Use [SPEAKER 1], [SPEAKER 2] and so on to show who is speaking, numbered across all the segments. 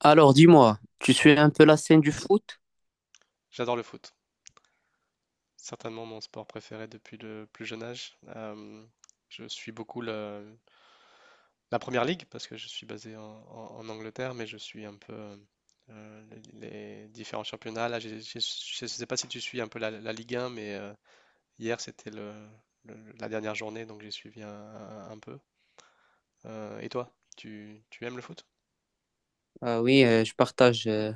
[SPEAKER 1] Alors, dis-moi, tu suis un peu la scène du foot?
[SPEAKER 2] J'adore le foot. Certainement mon sport préféré depuis le plus jeune âge. Je suis beaucoup la Première Ligue parce que je suis basé en Angleterre, mais je suis un peu euh, les différents championnats. Là, je ne sais pas si tu suis un peu la Ligue 1, mais hier c'était la dernière journée, donc j'ai suivi un peu. Et toi, tu aimes le foot?
[SPEAKER 1] Ah oui, je partage,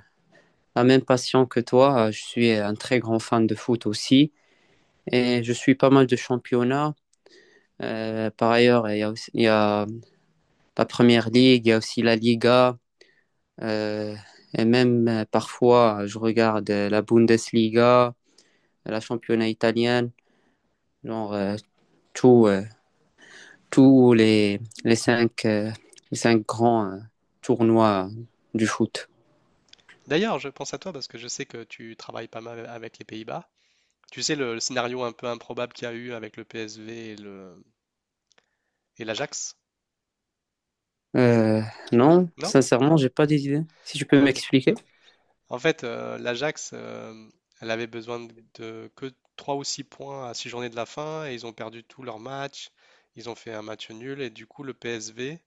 [SPEAKER 1] la même passion que toi. Je suis un très grand fan de foot aussi et je suis pas mal de championnats. Par ailleurs, il y a la Première Ligue, il y a aussi la Liga, euh, et même, parfois je regarde, la Bundesliga, la championnat italienne, genre, tout, euh, tous les cinq grands, tournois du foot.
[SPEAKER 2] D'ailleurs, je pense à toi parce que je sais que tu travailles pas mal avec les Pays-Bas. Tu sais, le scénario un peu improbable qu'il y a eu avec le PSV Et l'Ajax?
[SPEAKER 1] Euh, non,
[SPEAKER 2] Non?
[SPEAKER 1] sincèrement, j'ai pas d'idée. Si tu peux
[SPEAKER 2] Ok.
[SPEAKER 1] m'expliquer.
[SPEAKER 2] En fait, l'Ajax, elle avait besoin de que 3 ou 6 points à 6 journées de la fin et ils ont perdu tous leurs matchs. Ils ont fait un match nul et du coup, le PSV,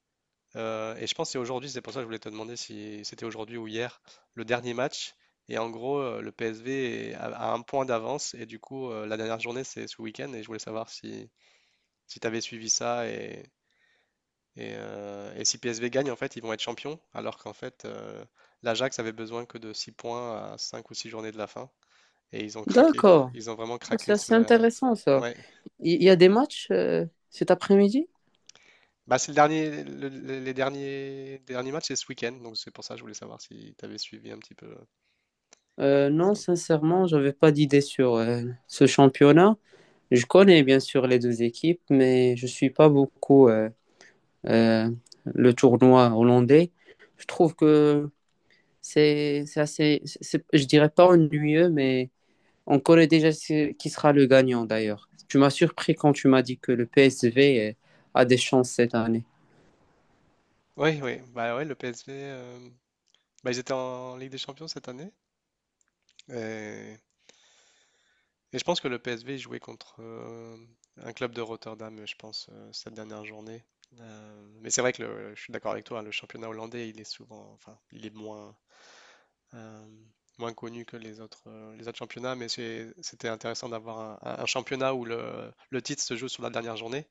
[SPEAKER 2] et je pense que c'est aujourd'hui, c'est pour ça que je voulais te demander si c'était aujourd'hui ou hier, le dernier match. Et en gros, le PSV a un point d'avance et du coup, la dernière journée, c'est ce week-end et je voulais savoir si tu avais suivi ça et si PSV gagne, en fait, ils vont être champions, alors qu'en fait, l'Ajax avait besoin que de 6 points à 5 ou 6 journées de la fin. Et ils ont craqué.
[SPEAKER 1] D'accord.
[SPEAKER 2] Ils ont vraiment
[SPEAKER 1] Oh, c'est
[SPEAKER 2] craqué sous
[SPEAKER 1] assez
[SPEAKER 2] la.
[SPEAKER 1] intéressant ça.
[SPEAKER 2] Ouais.
[SPEAKER 1] Il y a des matchs, cet après-midi?
[SPEAKER 2] Bah, c'est le dernier, le- les derniers matchs, c'est ce week-end. Donc c'est pour ça que je voulais savoir si tu avais suivi un petit peu
[SPEAKER 1] Non,
[SPEAKER 2] ça.
[SPEAKER 1] sincèrement, j'avais pas d'idée sur, ce championnat. Je connais bien sûr les deux équipes, mais je suis pas beaucoup, euh, le tournoi hollandais. Je trouve que c'est assez, je dirais pas ennuyeux, mais on connaît déjà qui sera le gagnant d'ailleurs. Tu m'as surpris quand tu m'as dit que le PSV, a des chances cette année.
[SPEAKER 2] Oui, oui. Bah ouais, le PSV, bah, ils étaient en Ligue des Champions cette année. Et Et je pense que le PSV jouait contre un club de Rotterdam, je pense, cette dernière journée. Mais c'est vrai que je suis d'accord avec toi, hein, le championnat hollandais, il est souvent, enfin, il est euh, moins connu que les autres championnats, mais c'était intéressant d'avoir un championnat où le titre se joue sur la dernière journée,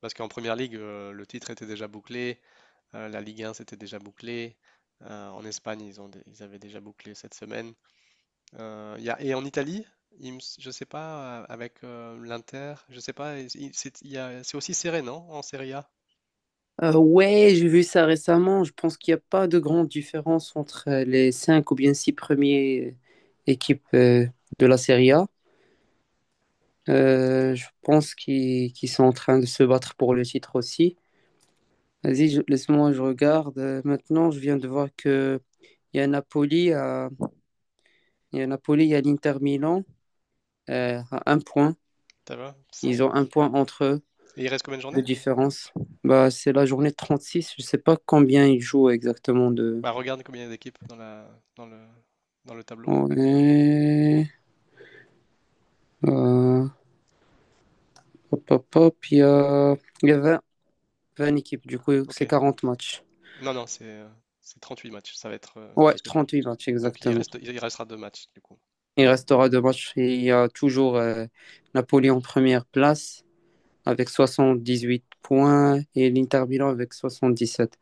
[SPEAKER 2] parce qu'en première ligue, le titre était déjà bouclé, la Ligue 1 c'était déjà bouclé, en Espagne, ils avaient déjà bouclé cette semaine. Et en Italie, je sais pas, avec l'Inter, je sais pas, il- c'est il y a- c'est aussi serré, non? En Serie A,
[SPEAKER 1] Ouais, j'ai vu ça récemment. Je pense qu'il n'y a pas de grande différence entre, les cinq ou bien six premières équipes, de la Serie A. Je pense qu'ils sont en train de se battre pour le titre aussi. Vas-y, laisse-moi, je regarde. Maintenant, je viens de voir que il y a Napoli, à- il y a Napoli, il y a l'Inter Milan, à un point.
[SPEAKER 2] ça va?
[SPEAKER 1] Ils
[SPEAKER 2] C'est.
[SPEAKER 1] ont un point entre eux
[SPEAKER 2] Et il reste combien de
[SPEAKER 1] de
[SPEAKER 2] journées?
[SPEAKER 1] différence. Bah, c'est la journée 36. Je sais pas combien il joue exactement de.
[SPEAKER 2] Bah regarde combien il y a d'équipes dans dans le, dans le tableau.
[SPEAKER 1] Ouais, euh, hop, hop, hop, il y a 20, 20 équipes, du coup,
[SPEAKER 2] Ok.
[SPEAKER 1] c'est 40 matchs.
[SPEAKER 2] Non, non, c'est c'est 38 matchs. Ça va être
[SPEAKER 1] Ouais,
[SPEAKER 2] parce que
[SPEAKER 1] 38 matchs
[SPEAKER 2] donc
[SPEAKER 1] exactement.
[SPEAKER 2] il restera deux matchs du coup.
[SPEAKER 1] Il restera deux matchs. Et il y a toujours, Napoli en première place avec 78 points, et l'Inter Milan avec 77.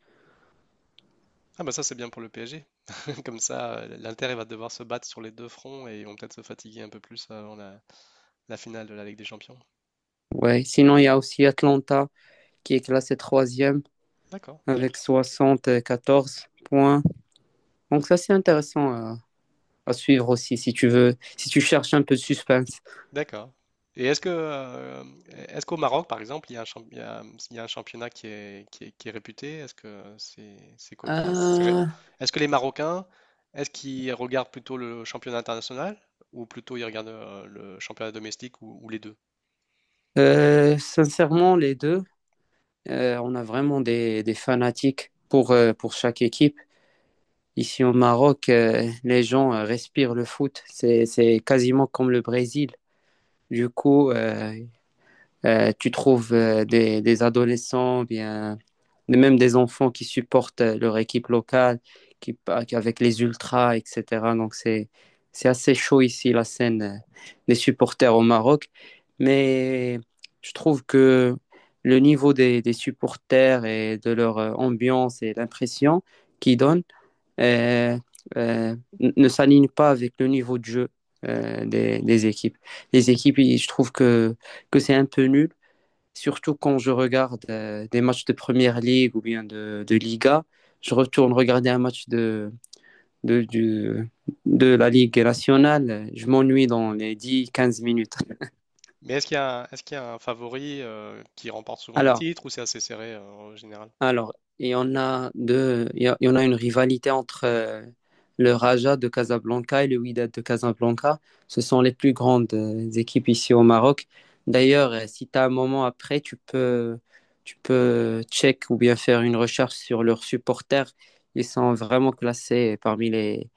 [SPEAKER 2] Ah bah ça c'est bien pour le PSG. Comme ça, l'Inter il va devoir se battre sur les deux fronts et ils vont peut-être se fatiguer un peu plus avant la finale de la Ligue des Champions.
[SPEAKER 1] Ouais, sinon, il y a aussi Atlanta qui est classé troisième
[SPEAKER 2] D'accord.
[SPEAKER 1] avec 74 points. Donc ça, c'est intéressant à, suivre aussi, si tu veux, si tu cherches un peu de suspense.
[SPEAKER 2] D'accord. Et est-ce que, euh, est-ce qu'au Maroc, par exemple, il y a un championnat qui est réputé? Est-ce que c'est quoi- enfin,
[SPEAKER 1] Euh,
[SPEAKER 2] est-ce que les Marocains, est-ce qu'ils regardent plutôt le championnat international ou plutôt ils regardent le championnat domestique ou les deux?
[SPEAKER 1] Sincèrement, les deux. On a vraiment des fanatiques pour chaque équipe. Ici au Maroc, les gens, respirent le foot. C'est quasiment comme le Brésil. Du coup, tu trouves, des adolescents, bien, même des enfants qui supportent, leur équipe locale, qui, avec les ultras, etc. Donc c'est assez chaud ici la scène, des supporters au Maroc. Mais je trouve que le niveau des, supporters et de leur, ambiance et l'impression qu'ils donnent, euh, ne s'aligne pas avec le niveau de jeu,
[SPEAKER 2] D'accord.
[SPEAKER 1] des équipes. Les équipes, je trouve que c'est un peu nul. Surtout quand je regarde, des matchs de Première Ligue ou bien de Liga, je retourne regarder un match de, du- de la Ligue nationale, je m'ennuie dans les 10, 15 minutes.
[SPEAKER 2] Mais est-ce qu'il y a, est-ce qu'il y a un favori qui remporte souvent les
[SPEAKER 1] Alors,
[SPEAKER 2] titres ou c'est assez serré en général?
[SPEAKER 1] Alors, il y en a deux, il y en a une rivalité entre, le Raja de Casablanca et le Wydad de Casablanca. Ce sont les plus grandes, équipes ici au Maroc. D'ailleurs, si tu as un moment après, tu peux check ou bien faire une recherche sur leurs supporters. Ils sont vraiment classés parmi les,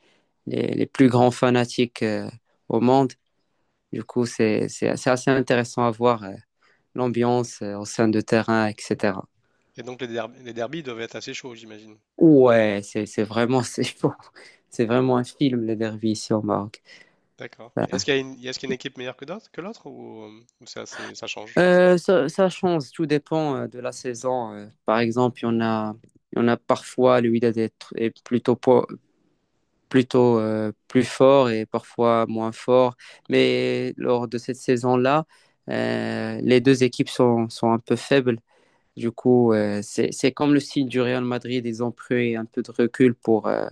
[SPEAKER 1] les, les plus grands fanatiques, au monde. Du coup, c'est assez intéressant à voir, l'ambiance, au sein de terrain, etc.
[SPEAKER 2] Et donc les derbies doivent être assez chauds, j'imagine.
[SPEAKER 1] Ouais, c'est vraiment, c'est fou. C'est vraiment un film les derbies ici au Maroc.
[SPEAKER 2] D'accord. Est-ce
[SPEAKER 1] Voilà.
[SPEAKER 2] qu'il y a est-ce qu'il y a une équipe meilleure que d'autres, que l'autre ou c'est ça change?
[SPEAKER 1] Ça change, tout dépend, de la saison. Par exemple, il y en a parfois le Wydad est, est plutôt, plutôt, plus fort et parfois moins fort, mais lors de cette saison-là, les deux équipes sont un peu faibles. Du coup, c'est comme le style du Real Madrid, ils ont pris un peu de recul pour, euh,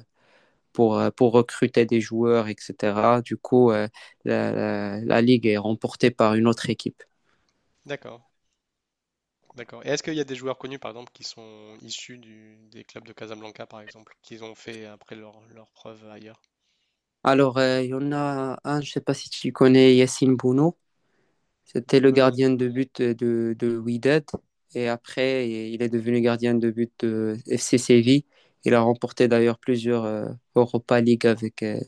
[SPEAKER 1] pour, euh, pour recruter des joueurs, etc. Du coup, ligue est remportée par une autre équipe.
[SPEAKER 2] D'accord. D'accord. Et est-ce qu'il y a des joueurs connus, par exemple, qui sont issus des clubs de Casablanca, par exemple, qu'ils ont fait après leur preuve ailleurs?
[SPEAKER 1] Alors, il y en a un, je ne sais pas si tu connais Yassine Bouno. C'était le
[SPEAKER 2] De nom.
[SPEAKER 1] gardien de but de Wydad. Et après, il est devenu gardien de but de FC Séville. Il a remporté d'ailleurs plusieurs, Europa League avec,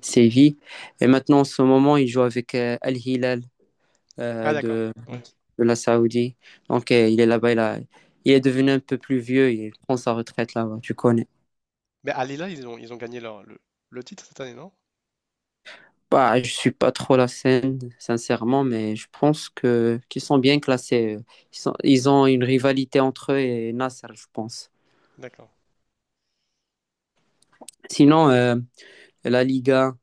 [SPEAKER 1] Séville. Et maintenant, en ce moment, il joue avec Al-Hilal
[SPEAKER 2] Ah, d'accord.
[SPEAKER 1] de
[SPEAKER 2] Oui.
[SPEAKER 1] de la Saoudie. Donc, il est là-bas, il est devenu un peu plus vieux, il prend sa retraite là-bas, tu connais.
[SPEAKER 2] Mais à Lila, ils ont gagné le titre cette année, non?
[SPEAKER 1] Bah, je suis pas trop la scène, sincèrement, mais je pense que qu'ils sont bien classés. Ils ont une rivalité entre eux et Nasser, je pense.
[SPEAKER 2] D'accord.
[SPEAKER 1] Sinon, la Liga,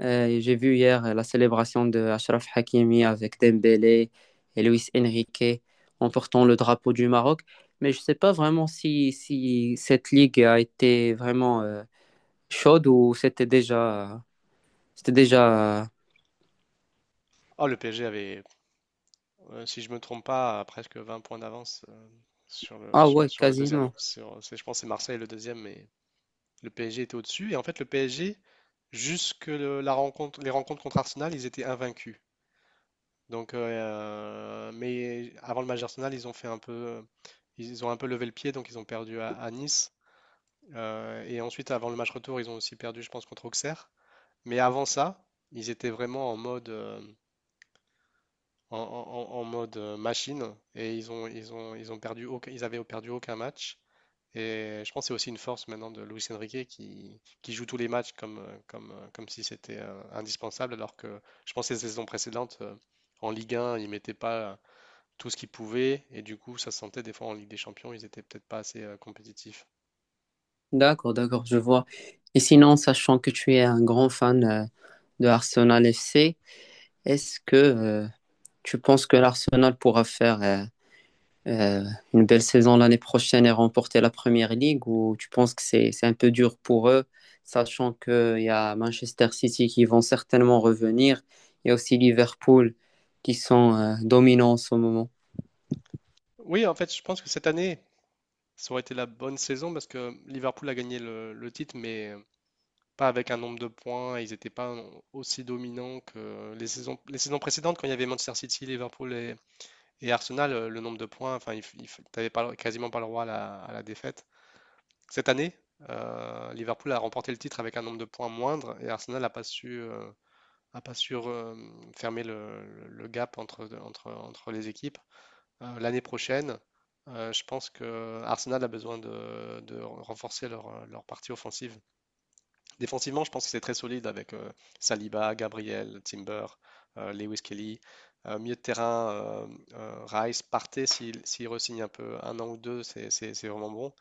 [SPEAKER 1] j'ai vu hier, la célébration de Achraf Hakimi avec Dembélé et Luis Enrique en portant le drapeau du Maroc. Mais je ne sais pas vraiment si cette ligue a été vraiment, chaude ou c'était déjà... C'était déjà...
[SPEAKER 2] Oh, le PSG avait, si je me trompe pas, à presque 20 points d'avance sur
[SPEAKER 1] Ah ouais,
[SPEAKER 2] sur le deuxième.
[SPEAKER 1] quasiment.
[SPEAKER 2] Je pense que c'est Marseille le deuxième, mais le PSG était au-dessus. Et en fait, le PSG, jusque le- la rencontre, les rencontres contre Arsenal, ils étaient invaincus. Donc, mais avant le match d'Arsenal, ils ont un peu levé le pied, donc ils ont perdu à Nice. Et ensuite, avant le match retour, ils ont aussi perdu, je pense, contre Auxerre. Mais avant ça, ils étaient vraiment en mode, en, en- en en mode machine, et ils avaient perdu aucun match. Et je pense que c'est aussi une force maintenant de Luis Enrique qui joue tous les matchs comme si c'était indispensable, alors que je pense que les saisons précédentes, en Ligue 1, il mettait pas tout ce qu'ils pouvaient. Et du coup, ça se sentait des fois en Ligue des Champions, ils étaient peut-être pas assez compétitifs.
[SPEAKER 1] D'accord, d'accord, je vois. Et sinon, sachant que tu es un grand fan, de Arsenal FC, est-ce que, tu penses que l'Arsenal pourra faire, euh, une belle saison l'année prochaine et remporter la Première Ligue ou tu penses que c'est un peu dur pour eux, sachant qu'il y a Manchester City qui vont certainement revenir, il y a aussi Liverpool qui sont, dominants en ce moment.
[SPEAKER 2] Oui, en fait, je pense que cette année, ça aurait été la bonne saison parce que Liverpool a gagné le titre, mais pas avec un nombre de points. Ils n'étaient pas aussi dominants que les saisons précédentes, quand il y avait Manchester City, Liverpool et Arsenal, le nombre de points, enfin, il t'avais pas, quasiment pas le droit à la défaite. Cette année, Liverpool a remporté le titre avec un nombre de points moindre et Arsenal n'a pas su à pas sûr fermer gap entre les équipes. L'année prochaine, je pense que Arsenal a besoin de renforcer leur partie offensive. Défensivement, je pense que c'est très solide avec Saliba, Gabriel, Timber, Lewis Kelly. Milieu de terrain, Rice, Partey, s'il re-signe un peu un an ou deux, c'est vraiment bon.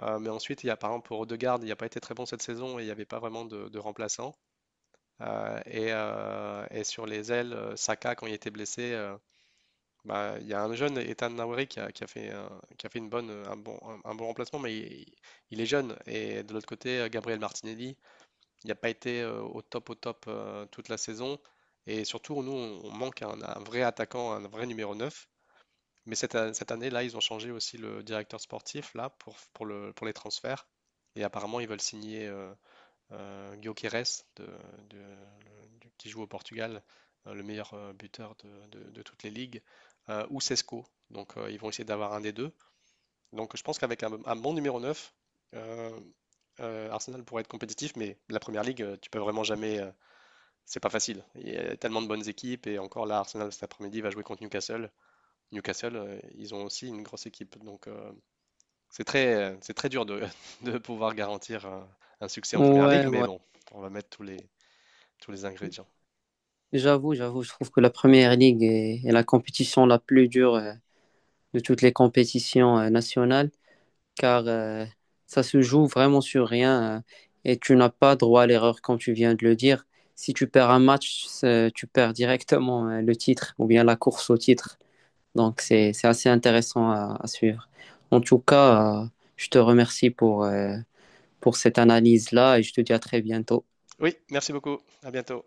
[SPEAKER 2] Mais ensuite, il y a par exemple pour Odegaard, il n'a pas été très bon cette saison et il n'y avait pas vraiment de remplaçant. Et sur les ailes, Saka, quand il était blessé, bah, il y a un jeune, Ethan Nwauri, qui a fait, un bon remplacement, mais il est jeune. Et de l'autre côté, Gabriel Martinelli, il n'a pas été au top toute la saison. Et surtout, nous, on manque un vrai attaquant, un vrai numéro 9. Mais cette année-là, ils ont changé aussi le directeur sportif là, pour les transferts. Et apparemment, ils veulent signer Guioqueres qui joue au Portugal, le meilleur buteur de toutes les ligues, ou Sesco. Donc ils vont essayer d'avoir un des deux. Donc je pense qu'avec un bon numéro 9, euh, Arsenal pourrait être compétitif, mais la première ligue, tu peux vraiment jamais. C'est pas facile. Il y a tellement de bonnes équipes, et encore là, Arsenal cet après-midi va jouer contre Newcastle. Newcastle, ils ont aussi une grosse équipe. Donc c'est très dur de pouvoir garantir un succès en première ligue,
[SPEAKER 1] Ouais,
[SPEAKER 2] mais
[SPEAKER 1] ouais.
[SPEAKER 2] bon, on va mettre tous les ingrédients.
[SPEAKER 1] J'avoue, j'avoue, je trouve que la première ligue est la compétition la plus dure, de toutes les compétitions, nationales, car, ça se joue vraiment sur rien, et tu n'as pas droit à l'erreur comme tu viens de le dire. Si tu perds un match, tu perds directement, le titre ou bien la course au titre. Donc c'est assez intéressant à, suivre. En tout cas, je te remercie pour, cette analyse-là et je te dis à très bientôt.
[SPEAKER 2] Oui, merci beaucoup. À bientôt.